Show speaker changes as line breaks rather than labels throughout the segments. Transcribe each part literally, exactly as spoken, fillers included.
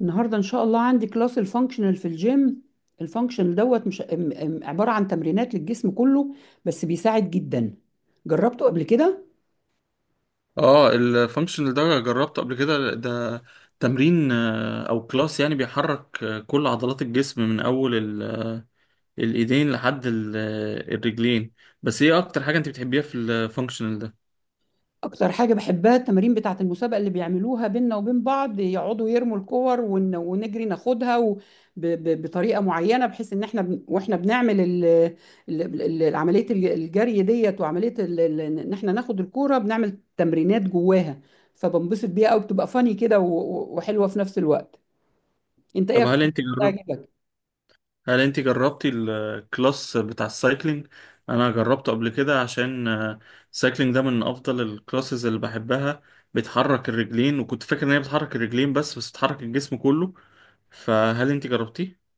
النهارده ان شاء الله عندي كلاس الفانكشنال في الجيم. الفانكشنال دوت مش ام- ام- عباره عن تمرينات للجسم كله. بس بيساعد جدا. جربته قبل كده.
اه، الفانكشنال ده جربته قبل كده. ده تمرين، آه، او كلاس، يعني بيحرك آه، كل عضلات الجسم، من اول ال- آه، الايدين لحد ال- آه، الرجلين. بس ايه اكتر حاجة انت بتحبيها في الفانكشنال ده؟
اكتر حاجه بحبها التمارين بتاعه المسابقه اللي بيعملوها بينا وبين بعض، يقعدوا يرموا الكور ون- ونجري ناخدها و- ب- ب- بطريقه معينه بحيث ان احنا بن- واحنا بنعمل ال- ال- ال- عمليه الج- الجري ديت وعمليه ال- ال- ان احنا ناخد الكوره بنعمل تمرينات جواها. فبنبسط بيها قوي، بتبقى فاني كده و- و- وحلوه في نفس الوقت. انت ايه
طب
اكتر
هل انت
حاجة
جرب
بتعجبك؟
هل انت جربتي الكلاس بتاع السايكلينج؟ انا جربته قبل كده، عشان آه، السايكلينج ده من افضل الكلاسز اللي بحبها. بتحرك الرجلين، وكنت فاكر ان هي بتحرك الرجلين بس، بس بتحرك الجسم كله. فهل انت جربتيه؟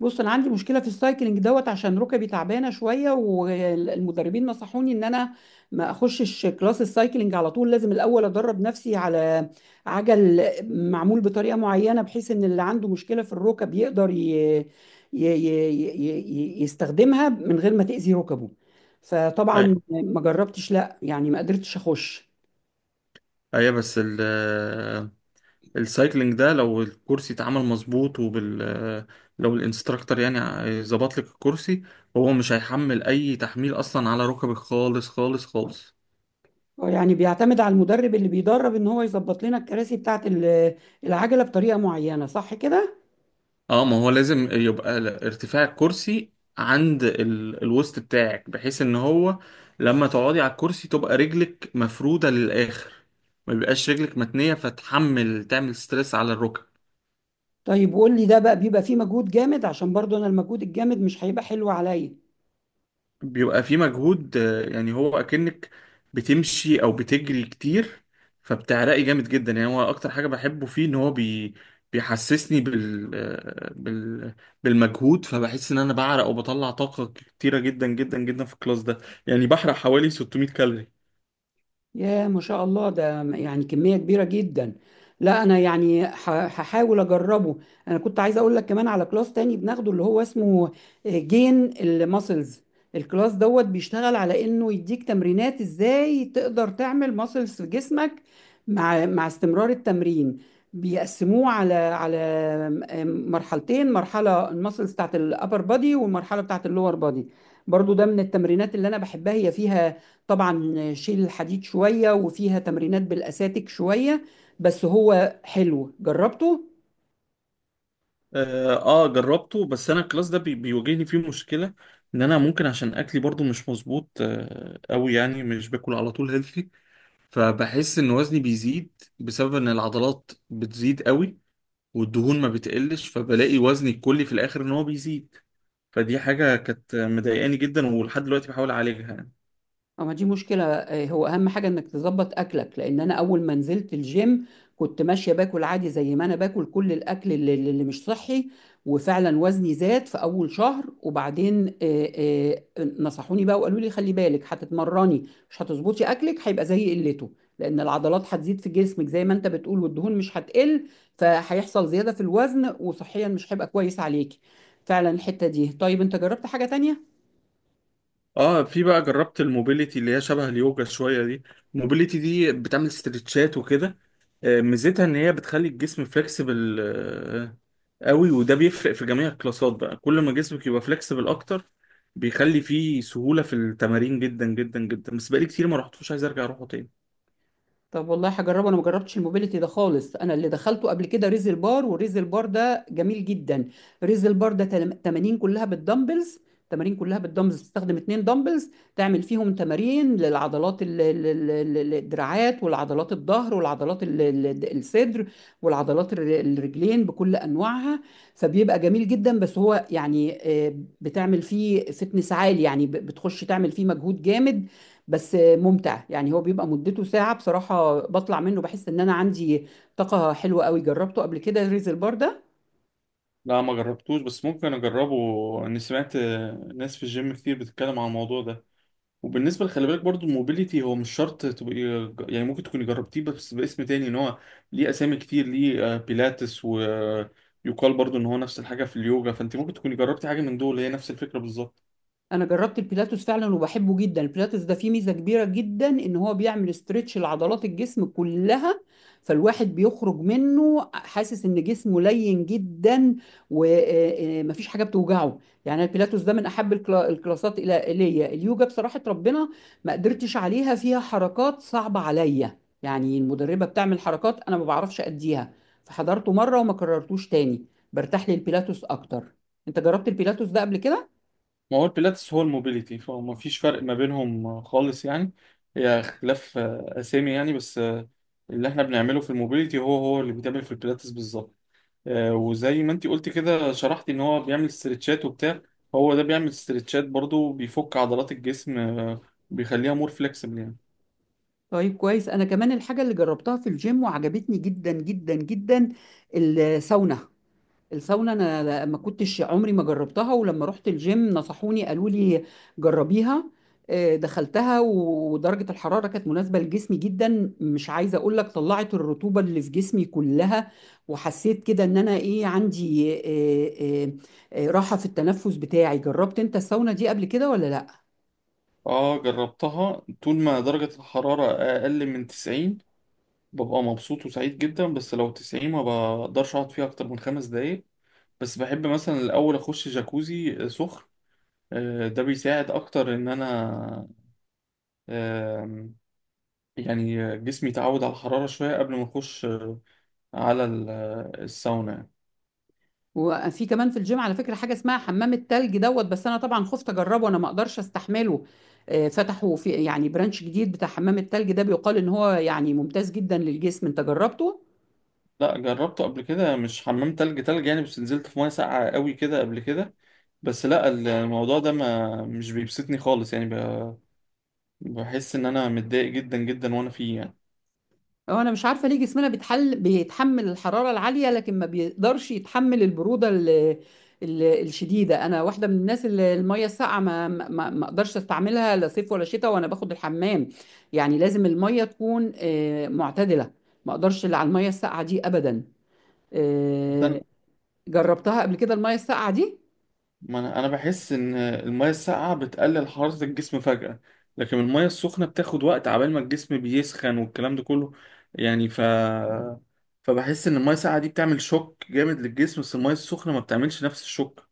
بص انا عندي مشكله في السايكلينج دوت عشان ركبي تعبانه شويه، والمدربين نصحوني ان انا ما اخشش كلاس السايكلينج على طول، لازم الاول ادرب نفسي على عجل معمول بطريقه معينه بحيث ان اللي عنده مشكله في الركب يقدر ي... ي... ي... ي... ي- يستخدمها من غير ما تاذي ركبه. فطبعا ما جربتش، لا يعني ما قدرتش اخش.
ايوه، بس ال السايكلينج ده لو الكرسي اتعمل مظبوط وبال لو الانستراكتور يعني ظبط لك الكرسي، هو مش هيحمل اي تحميل اصلا على ركبك، خالص خالص خالص.
آه، يعني بيعتمد على المدرب اللي بيدرب ان هو يظبط لنا الكراسي بتاعه ال- العجله بطريقه معينه، صح كده؟
اه، ما هو لازم يبقى ل- ارتفاع الكرسي عند ال... الوسط بتاعك، بحيث ان هو لما تقعدي على الكرسي تبقى رجلك مفرودة للاخر، ما بيبقاش رجلك متنية فتحمل تعمل ستريس على الركب.
طيب وقول لي ده بقى بيبقى فيه مجهود جامد؟ عشان برضو انا المجهود الجامد مش هيبقى حلو عليا.
بيبقى في مجهود، آه، يعني هو اكنك بتمشي او بتجري كتير، فبتعرقي جامد جدا. يعني هو اكتر حاجه بحبه فيه ان هو بي بيحسسني بال... آه، بال بالمجهود. فبحس ان انا بعرق وبطلع طاقه كتيره جدا جدا جدا في الكلاس ده، يعني بحرق حوالي ستمية كالوري.
يا ما شاء الله، ده يعني كمية كبيرة جدا. لا أنا يعني ح- هحاول أجربه. أنا كنت عايز أقول لك كمان على كلاس تاني بناخده اللي هو اسمه جين الماسلز. الكلاس دوت بيشتغل على إنه يديك تمرينات إزاي تقدر تعمل ماسلز في جسمك مع مع استمرار التمرين. بيقسموه على على م- مرحلتين: مرحلة الماسلز بتاعت الأبر بادي والمرحلة بتاعت اللور بادي. برضو ده من التمرينات اللي أنا بحبها، هي فيها طبعا شيل الحديد شوية وفيها تمرينات بالأساتك شوية. بس هو حلو، جربته.
اه، آه، جربته، بس انا الكلاس ده بي... بيواجهني فيه مشكله، ان انا ممكن عشان اكلي برضو مش مظبوط آه، قوي، يعني مش باكل على طول healthy. فبحس ان وزني بيزيد بسبب ان العضلات بتزيد قوي والدهون ما بتقلش، فبلاقي وزني الكلي في الاخر ان هو بيزيد. فدي حاجة كانت مضايقاني جدا، ولحد دلوقتي بحاول اعالجها يعني.
اه ما دي مشكلة. آه، هو أهم حاجة إنك تظبط أكلك، لأن أنا أول ما نزلت الجيم كنت ماشية باكل عادي زي ما أنا باكل كل الأكل اللي, اللي مش صحي، وفعلا وزني زاد في أول شهر. وبعدين آه، آه، نصحوني بقى وقالوا لي خلي بالك، هتتمرني مش هتظبطي أكلك، هيبقى زي قلته لأن العضلات هتزيد في جسمك زي ما أنت بتقول والدهون مش هتقل، فهيحصل زيادة في الوزن وصحيا مش هيبقى كويس عليكي. فعلا الحتة دي. طيب أنت جربت حاجة تانية؟
اه، في بقى جربت الموبيليتي اللي هي شبه اليوجا شويه دي. الموبيليتي دي بتعمل استرتشات وكده، آه، ميزتها ان هي بتخلي الجسم فليكسبل قوي. وده بيفرق في جميع الكلاسات، بقى كل ما جسمك يبقى فليكسبل اكتر، بيخلي فيه سهوله في التمارين جدا جدا جدا. بس بقالي كتير ما رحتوش، عايز ارجع اروحه تاني.
طب والله هجربه، انا ما جربتش الموبيليتي ده خالص. انا اللي دخلته قبل كده ريزل بار، وريزل بار ده جميل جدا. ريزل بار ده تل- تمارين كلها بالدمبلز. تمارين كلها بالدمبلز، تستخدم اتنين دمبلز تعمل فيهم تمارين للعضلات ال- ال- ال- ال- الدراعات والعضلات الظهر والعضلات ال- ال- الصدر والعضلات الر- الرجلين بكل انواعها. فبيبقى جميل جدا. بس هو يعني آه، بتعمل فيه فتنس عالي، يعني ب- بتخش تعمل فيه مجهود جامد بس ممتع. يعني هو بيبقى مدته ساعة، بصراحة بطلع منه بحس ان انا عندي طاقة حلوة قوي. جربته قبل كده ريز البار ده؟
لا ما جربتوش، بس ممكن اجربه، اني سمعت آه، ناس في الجيم كتير بتتكلم عن الموضوع ده. وبالنسبه خلي بالك برضو، الموبيليتي هو مش شرط تبقى يعني، ممكن تكوني جربتيه بس باسم تاني، ان هو ليه اسامي كتير، ليه آه، بيلاتس، ويقال برضو ان هو نفس الحاجه في اليوجا، فانت ممكن تكوني جربتي حاجه من دول هي نفس الفكره بالظبط.
انا جربت البيلاتوس فعلا وبحبه جدا. البيلاتوس ده فيه ميزه كبيره جدا ان هو بيعمل استرتش لعضلات الجسم كلها، فالواحد بيخرج منه حاسس ان جسمه لين جدا ومفيش حاجه بتوجعه. يعني البيلاتوس ده من احب الكلا- الكلاسات الى الي. اليوجا بصراحه ربنا ما قدرتش عليها، فيها حركات صعبه عليا، يعني المدربه بتعمل حركات انا ما بعرفش اديها. فحضرته مره وما كررتوش تاني، برتاح للبيلاتوس اكتر. انت جربت البيلاتوس ده قبل كده؟
ما هو البيلاتس هو الموبيليتي، فما فيش فرق ما بينهم آه، خالص يعني. هي اختلاف آه، اسامي يعني، بس آه، اللي احنا بنعمله في الموبيليتي هو هو اللي بيتعمل في البيلاتس بالظبط. آه، وزي ما انت قلت كده شرحتي ان هو بيعمل استرتشات وبتاع، هو ده بيعمل استرتشات برضو، بيفك عضلات الجسم، آه، بيخليها مور فليكسبل يعني.
طيب كويس. انا كمان الحاجه اللي جربتها في الجيم وعجبتني جدا جدا جدا الساونا. الساونا انا ما كنتش عمري ما جربتها، ولما رحت الجيم نصحوني قالوا لي جربيها. آه، دخلتها ودرجه الحراره كانت مناسبه لجسمي جدا، مش عايزه اقول لك طلعت الرطوبه اللي في جسمي كلها، وحسيت كده ان انا ايه عندي آه، آه، آه، راحه في التنفس بتاعي. جربت انت الساونا دي قبل كده ولا لا؟
اه، جربتها طول ما درجة الحرارة اقل من تسعين ببقى مبسوط وسعيد جدا. بس لو تسعين، ما بقدرش اقعد فيها اكتر من خمس دقايق. بس بحب مثلا الاول اخش جاكوزي آه، سخن، آه، ده بيساعد اكتر ان انا آه، يعني جسمي يتعود على الحرارة شوية قبل ما اخش آه، على ال- آه، الساونا.
وفي كمان في الجيم على فكرة حاجة اسمها حمام التلج دوت، بس أنا طبعا خفت أجربه، أنا ما أقدرش أستحمله. آه، فتحوا في يعني برانش جديد بتاع حمام التلج ده، بيقال إن هو يعني ممتاز جدا للجسم. أنت جربته؟
لا، جربته قبل كده، مش حمام تلج تلج يعني، بس نزلت في ميه ساقعه قوي كده قبل كده. بس لا، الموضوع ده ما مش بيبسطني خالص يعني، ب- بحس ان انا متضايق جدا جدا وانا فيه يعني.
هو أنا مش عارفة ليه جسمنا بيتحل بيتحمل الحرارة العالية لكن ما بيقدرش يتحمل البرودة ال... ال- الشديدة. أنا واحدة من الناس اللي المية الساقعة ما ما ما- ما أقدرش أستعملها لا صيف ولا شتاء وأنا باخد الحمام. يعني لازم المية تكون آه، معتدلة، ما أقدرش اللي على المية الساقعة دي أبدا. آه،
مثلا،
جربتها قبل كده المية الساقعة دي؟
ما انا أنا بحس ان الميه الساقعه بتقلل حراره الجسم فجأة، لكن الميه السخنه بتاخد وقت عبال ما الجسم بيسخن والكلام ده كله يعني. ف فبحس ان الميه الساقعه دي بتعمل شوك جامد للجسم، بس الميه السخنه ما بتعملش نفس الشوك.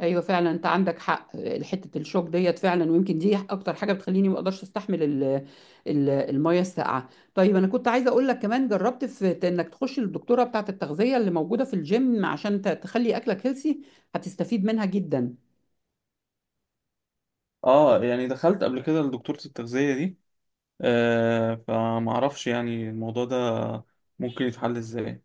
ايوه فعلا، انت عندك حق. آه، حتة الشوك ديت فعلا، ويمكن دي اكتر حاجة بتخليني ما اقدرش استحمل ال- ال- المية الساقعة. طيب انا كنت عايزة اقول لك كمان جربت في ت- انك تخش للدكتورة بتاعة التغذية اللي موجودة في الجيم عشان ت- تخلي اكلك هيلسي، هتستفيد منها جدا.
اه، يعني دخلت قبل كده لدكتورة التغذية دي، آه فمعرفش يعني الموضوع ده ممكن يتحل ازاي.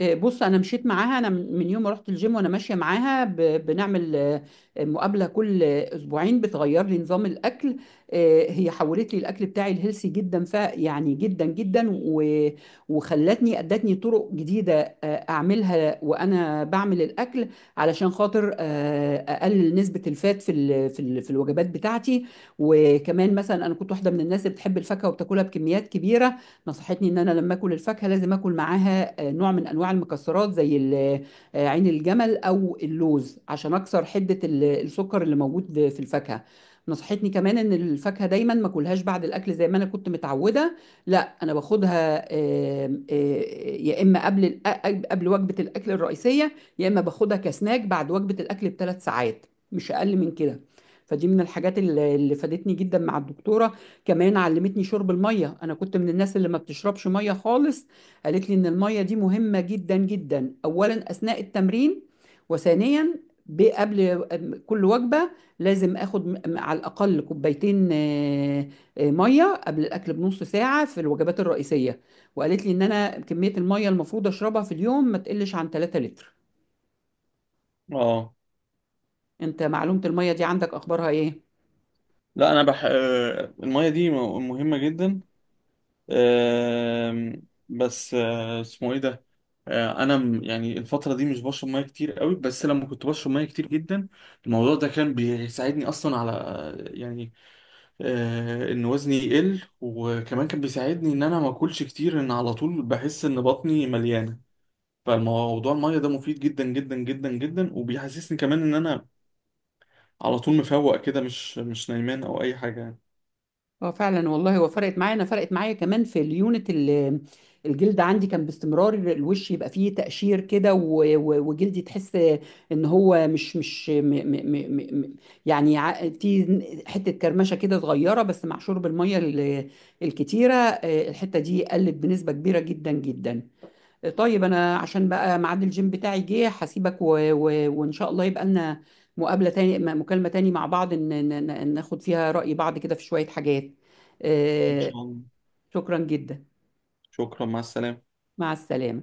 آه، بص انا مشيت معاها، انا من من يوم ما رحت الجيم وانا ماشيه معاها، ب- بنعمل آه، مقابله كل آه، اسبوعين بتغير لي نظام الاكل. آه، هي حولت لي الاكل بتاعي الهيلثي جدا، ف يعني جدا جدا و- وخلتني ادتني طرق جديده آه، اعملها وانا بعمل الاكل علشان خاطر آه، اقلل نسبه الفات في ال- في ال- في الوجبات بتاعتي. وكمان مثلا انا كنت واحده من الناس اللي بتحب الفاكهه وبتاكلها بكميات كبيره. نصحتني ان انا لما اكل الفاكهه لازم اكل معاها آه، نوع من انواع المكسرات زي ال- آه، عين الجمل او اللوز عشان اكسر حده ال- السكر اللي موجود في الفاكهه. نصحتني كمان ان الفاكهه دايما ما اكلهاش بعد الاكل زي ما انا كنت متعوده، لا انا باخدها آم، آه، يا اما قبل الأ- قبل وجبه الاكل الرئيسيه، يا اما باخدها كسناك بعد وجبه الاكل بثلاث ساعات، مش اقل من كده. فدي من الحاجات اللي اللي فادتني جدا مع الدكتوره. كمان علمتني شرب المية. أنا كنت من الناس اللي ما بتشربش مية خالص. قالت لي إن المية دي مهمة جدا جدا، أولا أثناء التمرين، وثانيا ب- قبل كل وجبة لازم آخد م- م- على الأقل كوبايتين آه، آه، مية قبل الأكل بنص ساعة في الوجبات الرئيسية. وقالت لي إن أنا كمية المية المفروض أشربها في اليوم ما تقلش عن تلات لتر.
اه،
أنت معلومة المية دي عندك أخبارها إيه؟
لا، انا بح... آه المية دي م- مهمة جدا. آه بس آه اسمه ايه ده؟ آه انا م- يعني الفترة دي مش بشرب مية كتير قوي، بس لما كنت بشرب مية كتير جدا، الموضوع ده كان بيساعدني اصلا على يعني آه ان وزني يقل، وكمان كان بيساعدني ان انا ما اكلش كتير، ان على طول بحس ان بطني مليانة. فالموضوع المية ده مفيد جدا جدا جدا جدا، وبيحسسني كمان ان انا على طول مفوق كده، مش مش نايمان او اي حاجة يعني.
اه فعلا والله، هو فرقت معايا، انا فرقت معايا كمان في اليونت ال- الجلد عندي. كان باستمرار الوش يبقى فيه تقشير كده، و- و- وجلدي تحس ان هو مش مش م م م م م- يعني ع- في حته كرمشه كده صغيره، بس مع شرب الميه ال- الكتيره، آه، الحته دي قلت بنسبه كبيره جدا جدا. طيب انا عشان بقى ميعاد الجيم بتاعي جه هسيبك، و... و... وان شاء الله يبقى لنا مقابلة تاني م- مكالمة تاني مع بعض إن... إن- إن- ناخد فيها رأي بعض كده في شوية حاجات.
ان
آه،
شاء الله.
شكرا جدا.
شكرا، مع السلامة.
مع السلامة.